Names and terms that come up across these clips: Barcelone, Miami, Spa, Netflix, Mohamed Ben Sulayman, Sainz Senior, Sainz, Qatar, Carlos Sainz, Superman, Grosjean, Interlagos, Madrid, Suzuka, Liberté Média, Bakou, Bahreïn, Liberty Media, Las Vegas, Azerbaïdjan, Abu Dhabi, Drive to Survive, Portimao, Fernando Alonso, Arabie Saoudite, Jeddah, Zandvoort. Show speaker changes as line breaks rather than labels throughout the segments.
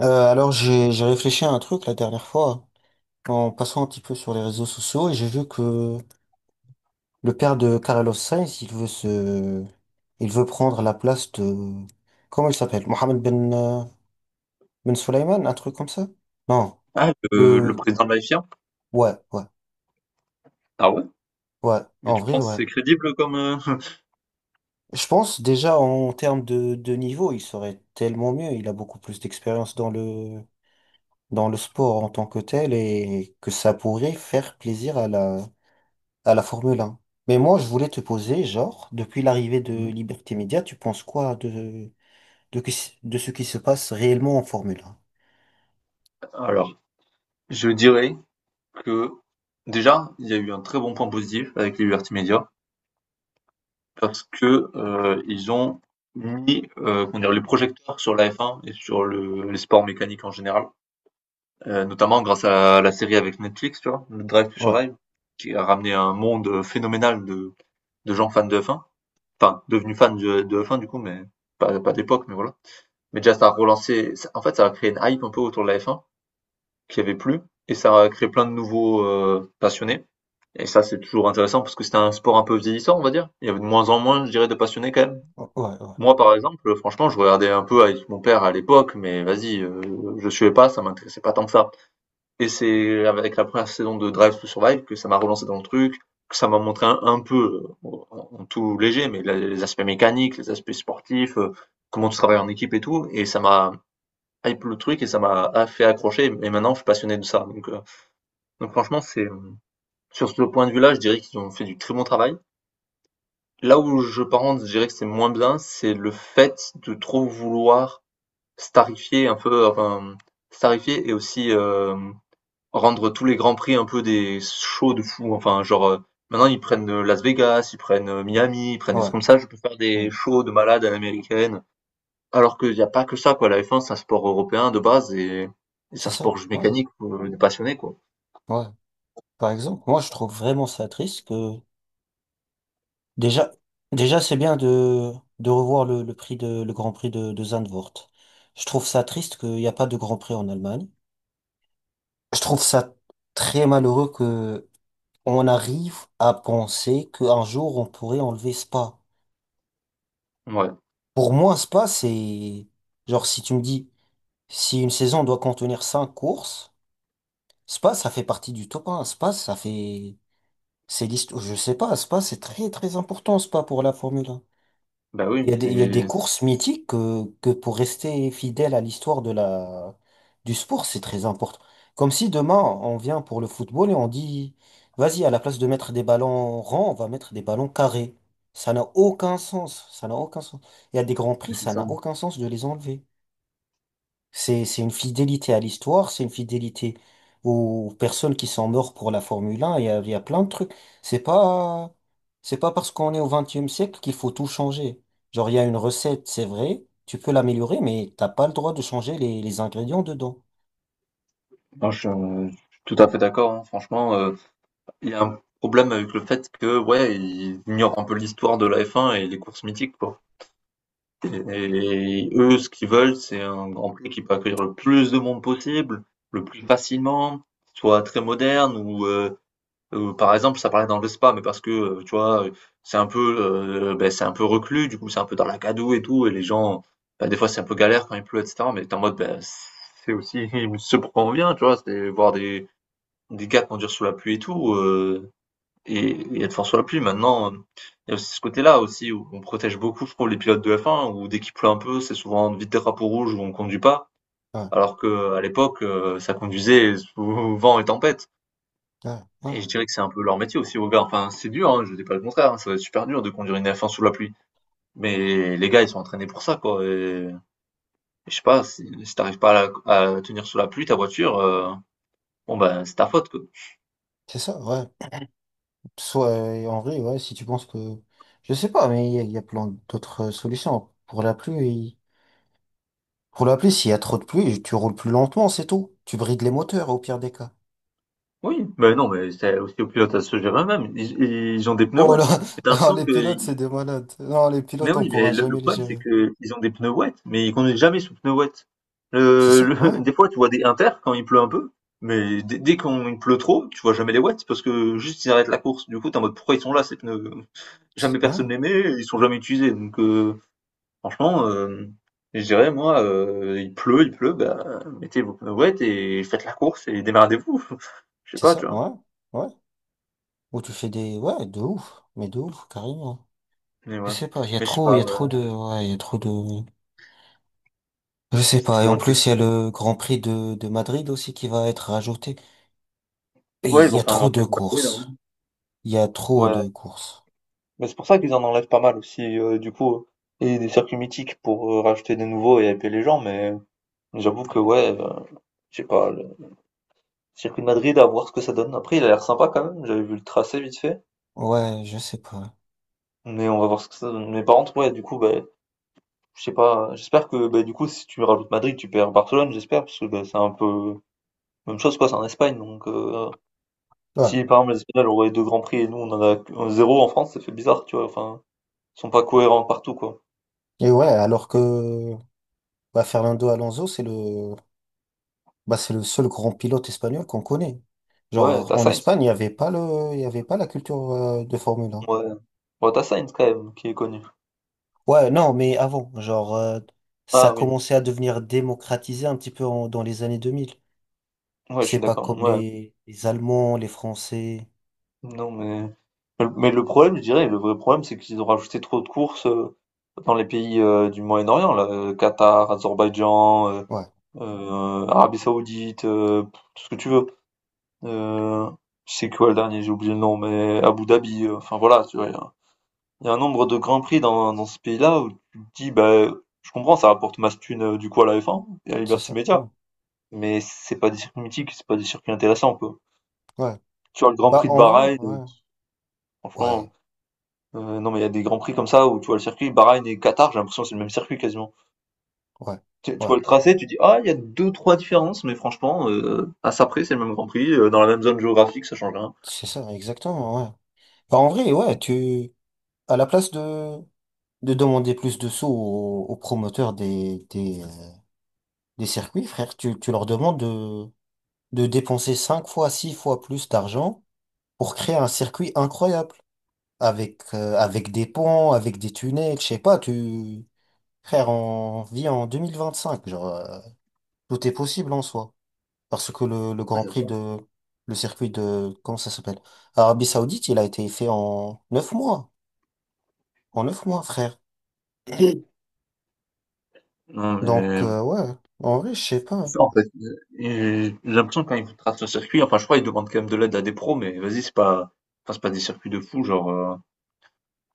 Euh, alors j'ai réfléchi à un truc la dernière fois en passant un petit peu sur les réseaux sociaux et j'ai vu que le père de Carlos Sainz il veut prendre la place de, comment il s'appelle, Mohamed Ben Sulayman, un truc comme ça? Non.
Ah, le
le
président de la FIA?
Ouais, ouais,
Ah ouais?
ouais,
Mais
en
tu
vrai,
penses que
ouais.
c'est crédible comme...
Je pense déjà en termes de niveau il serait tellement mieux, il a beaucoup plus d'expérience dans le sport en tant que tel, et que ça pourrait faire plaisir à la Formule 1. Mais moi, je voulais te poser, genre, depuis l'arrivée de
Mhm.
Liberté Média, tu penses quoi de ce qui se passe réellement en Formule 1?
Alors, je dirais que déjà, il y a eu un très bon point positif avec les Liberty Media parce que ils ont mis comment dire, les projecteurs sur la F1 et sur les sports mécaniques en général, notamment grâce à la série avec Netflix, tu vois, le Drive to
Ouais,
Survive, qui a ramené un monde phénoménal de gens fans de F1, enfin devenus fans de F1 du coup, mais pas d'époque, mais voilà. Mais déjà, ça a relancé, en fait, ça a créé une hype un peu autour de la F1 qui avait plus, et ça a créé plein de nouveaux passionnés. Et ça, c'est toujours intéressant parce que c'était un sport un peu vieillissant, on va dire. Il y avait de moins en moins, je dirais, de passionnés quand même.
ouais, ouais,
Moi, par exemple, franchement, je regardais un peu avec mon père à l'époque, mais vas-y, je suivais pas, ça m'intéressait pas tant que ça. Et c'est avec la première saison de Drive to Survive que ça m'a relancé dans le truc, que ça m'a montré un peu, en tout léger, mais les aspects mécaniques, les aspects sportifs, comment tu travailles en équipe et tout. Et ça m'a hype le truc et ça m'a fait accrocher. Et maintenant, je suis passionné de ça. Donc, donc franchement, c'est sur ce point de vue-là, je dirais qu'ils ont fait du très bon travail. Là où je par contre, je dirais que c'est moins bien, c'est le fait de trop vouloir starifier un peu, enfin, starifier et aussi rendre tous les grands prix un peu des shows de fou. Enfin, genre, maintenant ils prennent Las Vegas, ils prennent Miami, ils prennent des
ouais.
trucs comme ça. Je peux faire des
Hmm.
shows de malades à l'américaine. Alors qu'il y a pas que ça, quoi. La F1, c'est un sport européen de base, et c'est
C'est
un
ça.
sport juste
Ouais,
mécanique pour les passionnés, quoi.
ouais. Par exemple, moi, je trouve vraiment ça triste que déjà, déjà, c'est bien de revoir le Grand Prix de Zandvoort. Je trouve ça triste qu'il n'y a pas de Grand Prix en Allemagne. Je trouve ça très malheureux que on arrive à penser qu'un jour on pourrait enlever Spa.
Ouais,
Pour moi, Spa, c'est, genre, si tu me dis, si une saison doit contenir cinq courses, Spa, ça fait partie du top 1. Spa, ça fait c'est l'histoire. Je sais pas, Spa, c'est très très important, Spa, pour la Formule 1.
bah oui,
Il y a des,
c'est
il y a des courses mythiques que pour rester fidèle à l'histoire de la du sport, c'est très important. Comme si demain on vient pour le football et on dit, vas-y, à la place de mettre des ballons ronds, on va mettre des ballons carrés. Ça n'a aucun sens. Ça n'a aucun sens. Il y a des grands prix,
c'est
ça
ça.
n'a aucun sens de les enlever. C'est une fidélité à l'histoire, c'est une fidélité aux personnes qui sont mortes pour la Formule 1, il y a plein de trucs. C'est pas, c'est pas parce qu'on est au 21e siècle qu'il faut tout changer. Genre, il y a une recette, c'est vrai, tu peux l'améliorer, mais t'as pas le droit de changer les ingrédients dedans.
Non, je suis tout à fait d'accord, hein. Franchement, il y a un problème avec le fait que, ouais, ils ignorent un peu l'histoire de la F1 et les courses mythiques, quoi. Et eux, ce qu'ils veulent, c'est un Grand Prix qui peut accueillir le plus de monde possible, le plus facilement, soit très moderne ou, par exemple, ça parlait dans le Spa, mais parce que, tu vois, c'est un peu, c'est un peu reclus, du coup, c'est un peu dans la gadoue et tout, et les gens, ben des fois, c'est un peu galère quand il pleut et cetera, mais tu en mode, ben c'est aussi ce pourquoi on vient, tu vois? C'est voir des gars conduire sous la pluie et tout, et être fort sur la pluie. Maintenant, il y a aussi ce côté-là aussi où on protège beaucoup, je trouve, les pilotes de F1 où dès qu'il pleut un peu, c'est souvent vite des drapeau rouges où on conduit pas.
Ouais,
Alors qu'à l'époque, ça conduisait sous vent et tempête.
ouais, ouais.
Et je dirais que c'est un peu leur métier aussi aux gars. Enfin, c'est dur, hein, je dis pas le contraire, hein, ça doit être super dur de conduire une F1 sous la pluie. Mais les gars, ils sont entraînés pour ça, quoi, et je sais pas, si tu pas à la à tenir sous la pluie ta voiture, bon, ben, c'est ta faute, quoi.
C'est ça, ouais. Soit, en vrai, ouais, si tu penses que, je sais pas, mais il y a plein d'autres solutions. Pour la pluie, s'il y a trop de pluie, tu roules plus lentement, c'est tout. Tu brides les moteurs au pire des cas.
Oui, mais non, mais c'est aussi aux pilotes à se gérer eux-mêmes. Ils ont des pneus
Oh
wet.
là,
Mais t'as
non,
l'impression
les
que,
pilotes, c'est des malades. Non, les
mais
pilotes, on
oui, mais
pourra
le
jamais les
problème c'est
gérer.
que ils ont des pneus wet, mais ils conduisent jamais sous pneus wet.
C'est ça, ouais.
Des fois, tu vois des inter quand il pleut un peu, mais dès qu'il pleut trop, tu vois jamais les wets parce que juste ils arrêtent la course. Du coup, t'es en mode pourquoi ils sont là ces pneus?
C'est
Jamais
ouais,
personne les met, ils sont jamais utilisés. Donc, franchement, je dirais moi, il pleut, bah mettez vos pneus wet et faites la course et démerdez-vous. Je sais
c'est
pas, tu
ça,
vois.
ouais. Ouais. Ou tu fais des... Ouais, de ouf. Mais de ouf, carrément.
Mais
Je
ouais,
sais pas,
mais je sais
il y
pas,
a
ouais,
trop de... Ouais, il y a trop de... Je sais
c'est
pas. Et
toujours
en
une
plus,
question.
il y a le Grand Prix de Madrid aussi qui va être rajouté. Et
Ouais,
il
ils
y
vont
a
faire un
trop
Grand
de
Prix de Bakou, là, oui.
courses. Il y a trop
Ouais,
de courses.
mais c'est pour ça qu'ils en enlèvent pas mal aussi, du coup, et des circuits mythiques pour rajouter des nouveaux et hyper les gens, mais j'avoue que ouais, je sais pas, le circuit de Madrid, à voir ce que ça donne. Après, il a l'air sympa quand même, j'avais vu le tracé vite fait,
Ouais, je sais pas.
mais on va voir ce que ça donne. Mais par contre, ouais, du coup, bah, je sais pas, j'espère que, bah, du coup, si tu rajoutes Madrid, tu perds Barcelone, j'espère, parce que bah, c'est un peu même chose, quoi, c'est en Espagne, donc
Ouais.
si par exemple les Espagnols auraient 2 grands prix et nous on en a zéro en France, ça fait bizarre, tu vois, enfin, ils sont pas cohérents partout quoi.
Et ouais, alors que, bah, Fernando Alonso, c'est le... Bah, c'est le seul grand pilote espagnol qu'on connaît.
Ouais,
Genre, en Espagne, il y avait pas la culture, de Formule 1.
Ouais, ouais tu Sainz quand même qui est connu.
Ouais, non, mais avant, genre, ça
Ah oui,
commençait à devenir démocratisé un petit peu dans les années 2000.
ouais, je
C'est
suis
pas
d'accord,
comme
ouais.
les Allemands, les Français.
Non, mais le problème, je dirais, le vrai problème, c'est qu'ils ont rajouté trop de courses, dans les pays, du Moyen-Orient là, Qatar, Azerbaïdjan,
Ouais,
Arabie Saoudite, tout ce que tu veux. Heu, c'est quoi le dernier? J'ai oublié le nom, mais Abu Dhabi, enfin voilà, tu vois? Il y a un nombre de Grands Prix dans ce pays-là où tu te dis, bah, je comprends, ça rapporte masse thune du coup à la F1 et à
c'est
Liberty
ça. Ouais.
Media, mais c'est pas des circuits mythiques, c'est pas des circuits intéressants, quoi.
Ouais.
Tu vois, le Grand
Bah,
Prix de
en
Bahreïn,
vrai, ouais.
franchement,
Ouais,
non, mais il y a des Grands Prix comme ça où tu vois le circuit Bahreïn et Qatar, j'ai l'impression que c'est le même circuit quasiment.
ouais,
Tu
ouais.
vois le tracé, tu dis, ah, il y a deux, trois différences, mais franchement, à ça près, c'est le même Grand Prix, dans la même zone géographique, ça change rien.
C'est ça, exactement, ouais. Bah, en vrai, ouais, à la place de demander plus de sous aux promoteurs des circuits, frère, tu leur demandes de dépenser 5 fois, 6 fois plus d'argent pour créer un circuit incroyable. Avec des ponts, avec des tunnels, je sais pas, tu... Frère, on vit en 2025, genre, tout est possible en soi. Parce que le
Ouais,
Grand
c'est
Prix
ça.
de... Le circuit de... Comment ça s'appelle? Arabie Saoudite, il a été fait en 9 mois. En 9 mois, frère.
Non,
Donc,
mais
ouais, en vrai, je sais pas.
c'est ça, en fait. Et j'ai l'impression que quand ils tracent le circuit, enfin, je crois ils demandent quand même de l'aide à des pros, mais vas-y, c'est pas, enfin, c'est pas des circuits de fou, genre,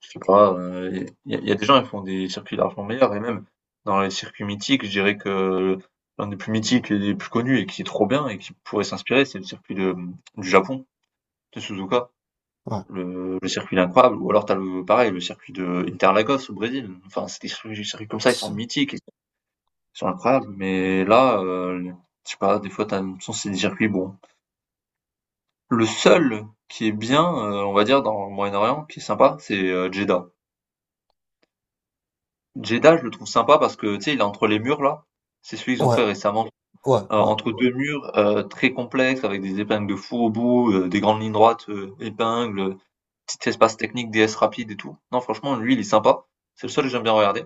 je sais pas, il y a des gens qui font des circuits largement meilleurs, et même dans les circuits mythiques, je dirais que l'un des plus mythiques et des plus connus et qui est trop bien et qui pourrait s'inspirer, c'est le circuit du Japon, de Suzuka.
Ouais,
Le circuit il est incroyable, ou alors t'as le, pareil, le circuit de Interlagos au Brésil. Enfin, c'est des circuits comme ça, ils sont
c'est ça.
mythiques, sont incroyables. Mais là, je sais pas, des fois, t'as l'impression que c'est des circuits bons. Le seul qui est bien, on va dire, dans le Moyen-Orient, qui est sympa, c'est Jeddah. Jeddah, je le trouve sympa parce que, tu sais, il est entre les murs, là. C'est celui qu'ils ont
Ouais,
fait récemment.
ouais, ouais,
Entre deux murs très complexes, avec des épingles de fou au bout, des grandes lignes droites, épingles, petit espace technique, D s rapide et tout. Non, franchement, lui, il est sympa. C'est le seul que j'aime bien regarder.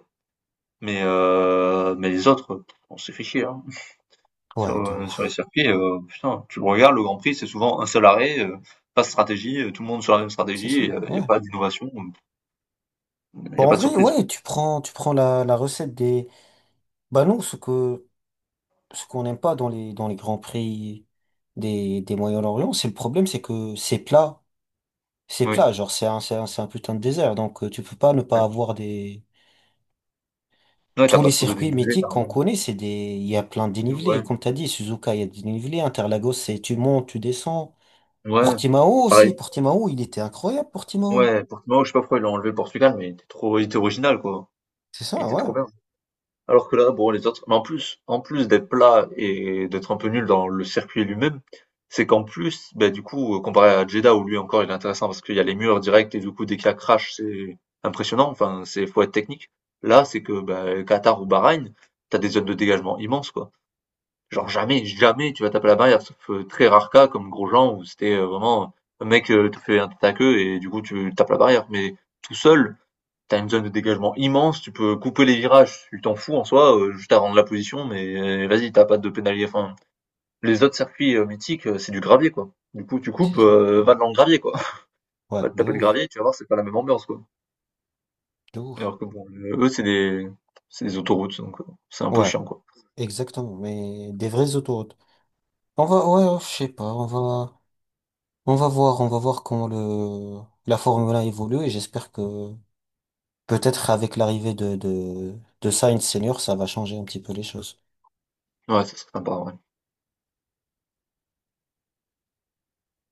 Mais, mais les autres, on s'est fait chier, hein. Sur,
ouais, de
sur les
ouf.
circuits, putain, tu le regardes, le Grand Prix, c'est souvent un seul arrêt, pas de stratégie, tout le monde sur la même
C'est ça,
stratégie, il y a
ouais.
pas d'innovation, il y
Bon,
a
en
pas de
vrai,
surprise, quoi.
ouais, tu prends la recette des... Bah non, ce qu'on n'aime pas dans les grands prix des Moyen-Orient, c'est le problème, c'est que c'est plat. C'est
Oui,
plat, genre c'est un putain de désert. Donc tu peux pas ne pas
ouais.
avoir des...
Ouais, tu
Tous
pas
les
trop de
circuits
dénivelé, tu
mythiques qu'on
rien.
connaît, c'est des... Il y a plein de dénivelés.
Ouais,
Comme t'as dit, Suzuka, il y a des dénivelés. Interlagos, c'est tu montes, tu descends.
ouais,
Portimao
pareil.
aussi. Portimao, il était incroyable, Portimao.
Ouais, Portimao, je sais pas pourquoi ils l'ont enlevé le Portugal, mais il était trop il était original, quoi.
C'est
Il
ça,
était
ouais.
trop bien. Alors que là, bon, les autres, mais en plus d'être plat et d'être un peu nul dans le circuit lui-même, c'est qu'en plus, ben, du coup, comparé à Jeddah, où lui encore il est intéressant parce qu'il y a les murs directs et du coup, dès qu'il y a crash, c'est impressionnant. Enfin, c'est, faut être technique. Là, c'est que, ben, Qatar ou Bahreïn, t'as des zones de dégagement immenses, quoi.
Ouais,
Genre, jamais tu vas taper la barrière, sauf très rare cas comme Grosjean où c'était vraiment un mec te fait un tête à queue et du coup, tu tapes la barrière. Mais tout seul, t'as une zone de dégagement immense, tu peux couper les virages, tu t'en fous en soi, juste à rendre la position, mais vas-y, t'as pas de pénalité. Enfin, les autres circuits mythiques, c'est du gravier, quoi. Du coup, tu
c'est
coupes,
ça.
va dans le gravier, quoi.
Ouais,
Va te
de
taper le
ouf,
gravier, tu vas voir, c'est pas la même ambiance, quoi.
de ouf.
Alors que bon, eux, c'est c'est des autoroutes, donc c'est un peu
Ouais.
chiant, quoi.
Exactement, mais des vraies autoroutes. On va, ouais, je sais pas, on va voir comment la Formule 1 évolue, et j'espère que peut-être avec l'arrivée de Sainz Senior, ça va changer un petit peu les choses.
Ouais, ça, c'est sympa, ouais.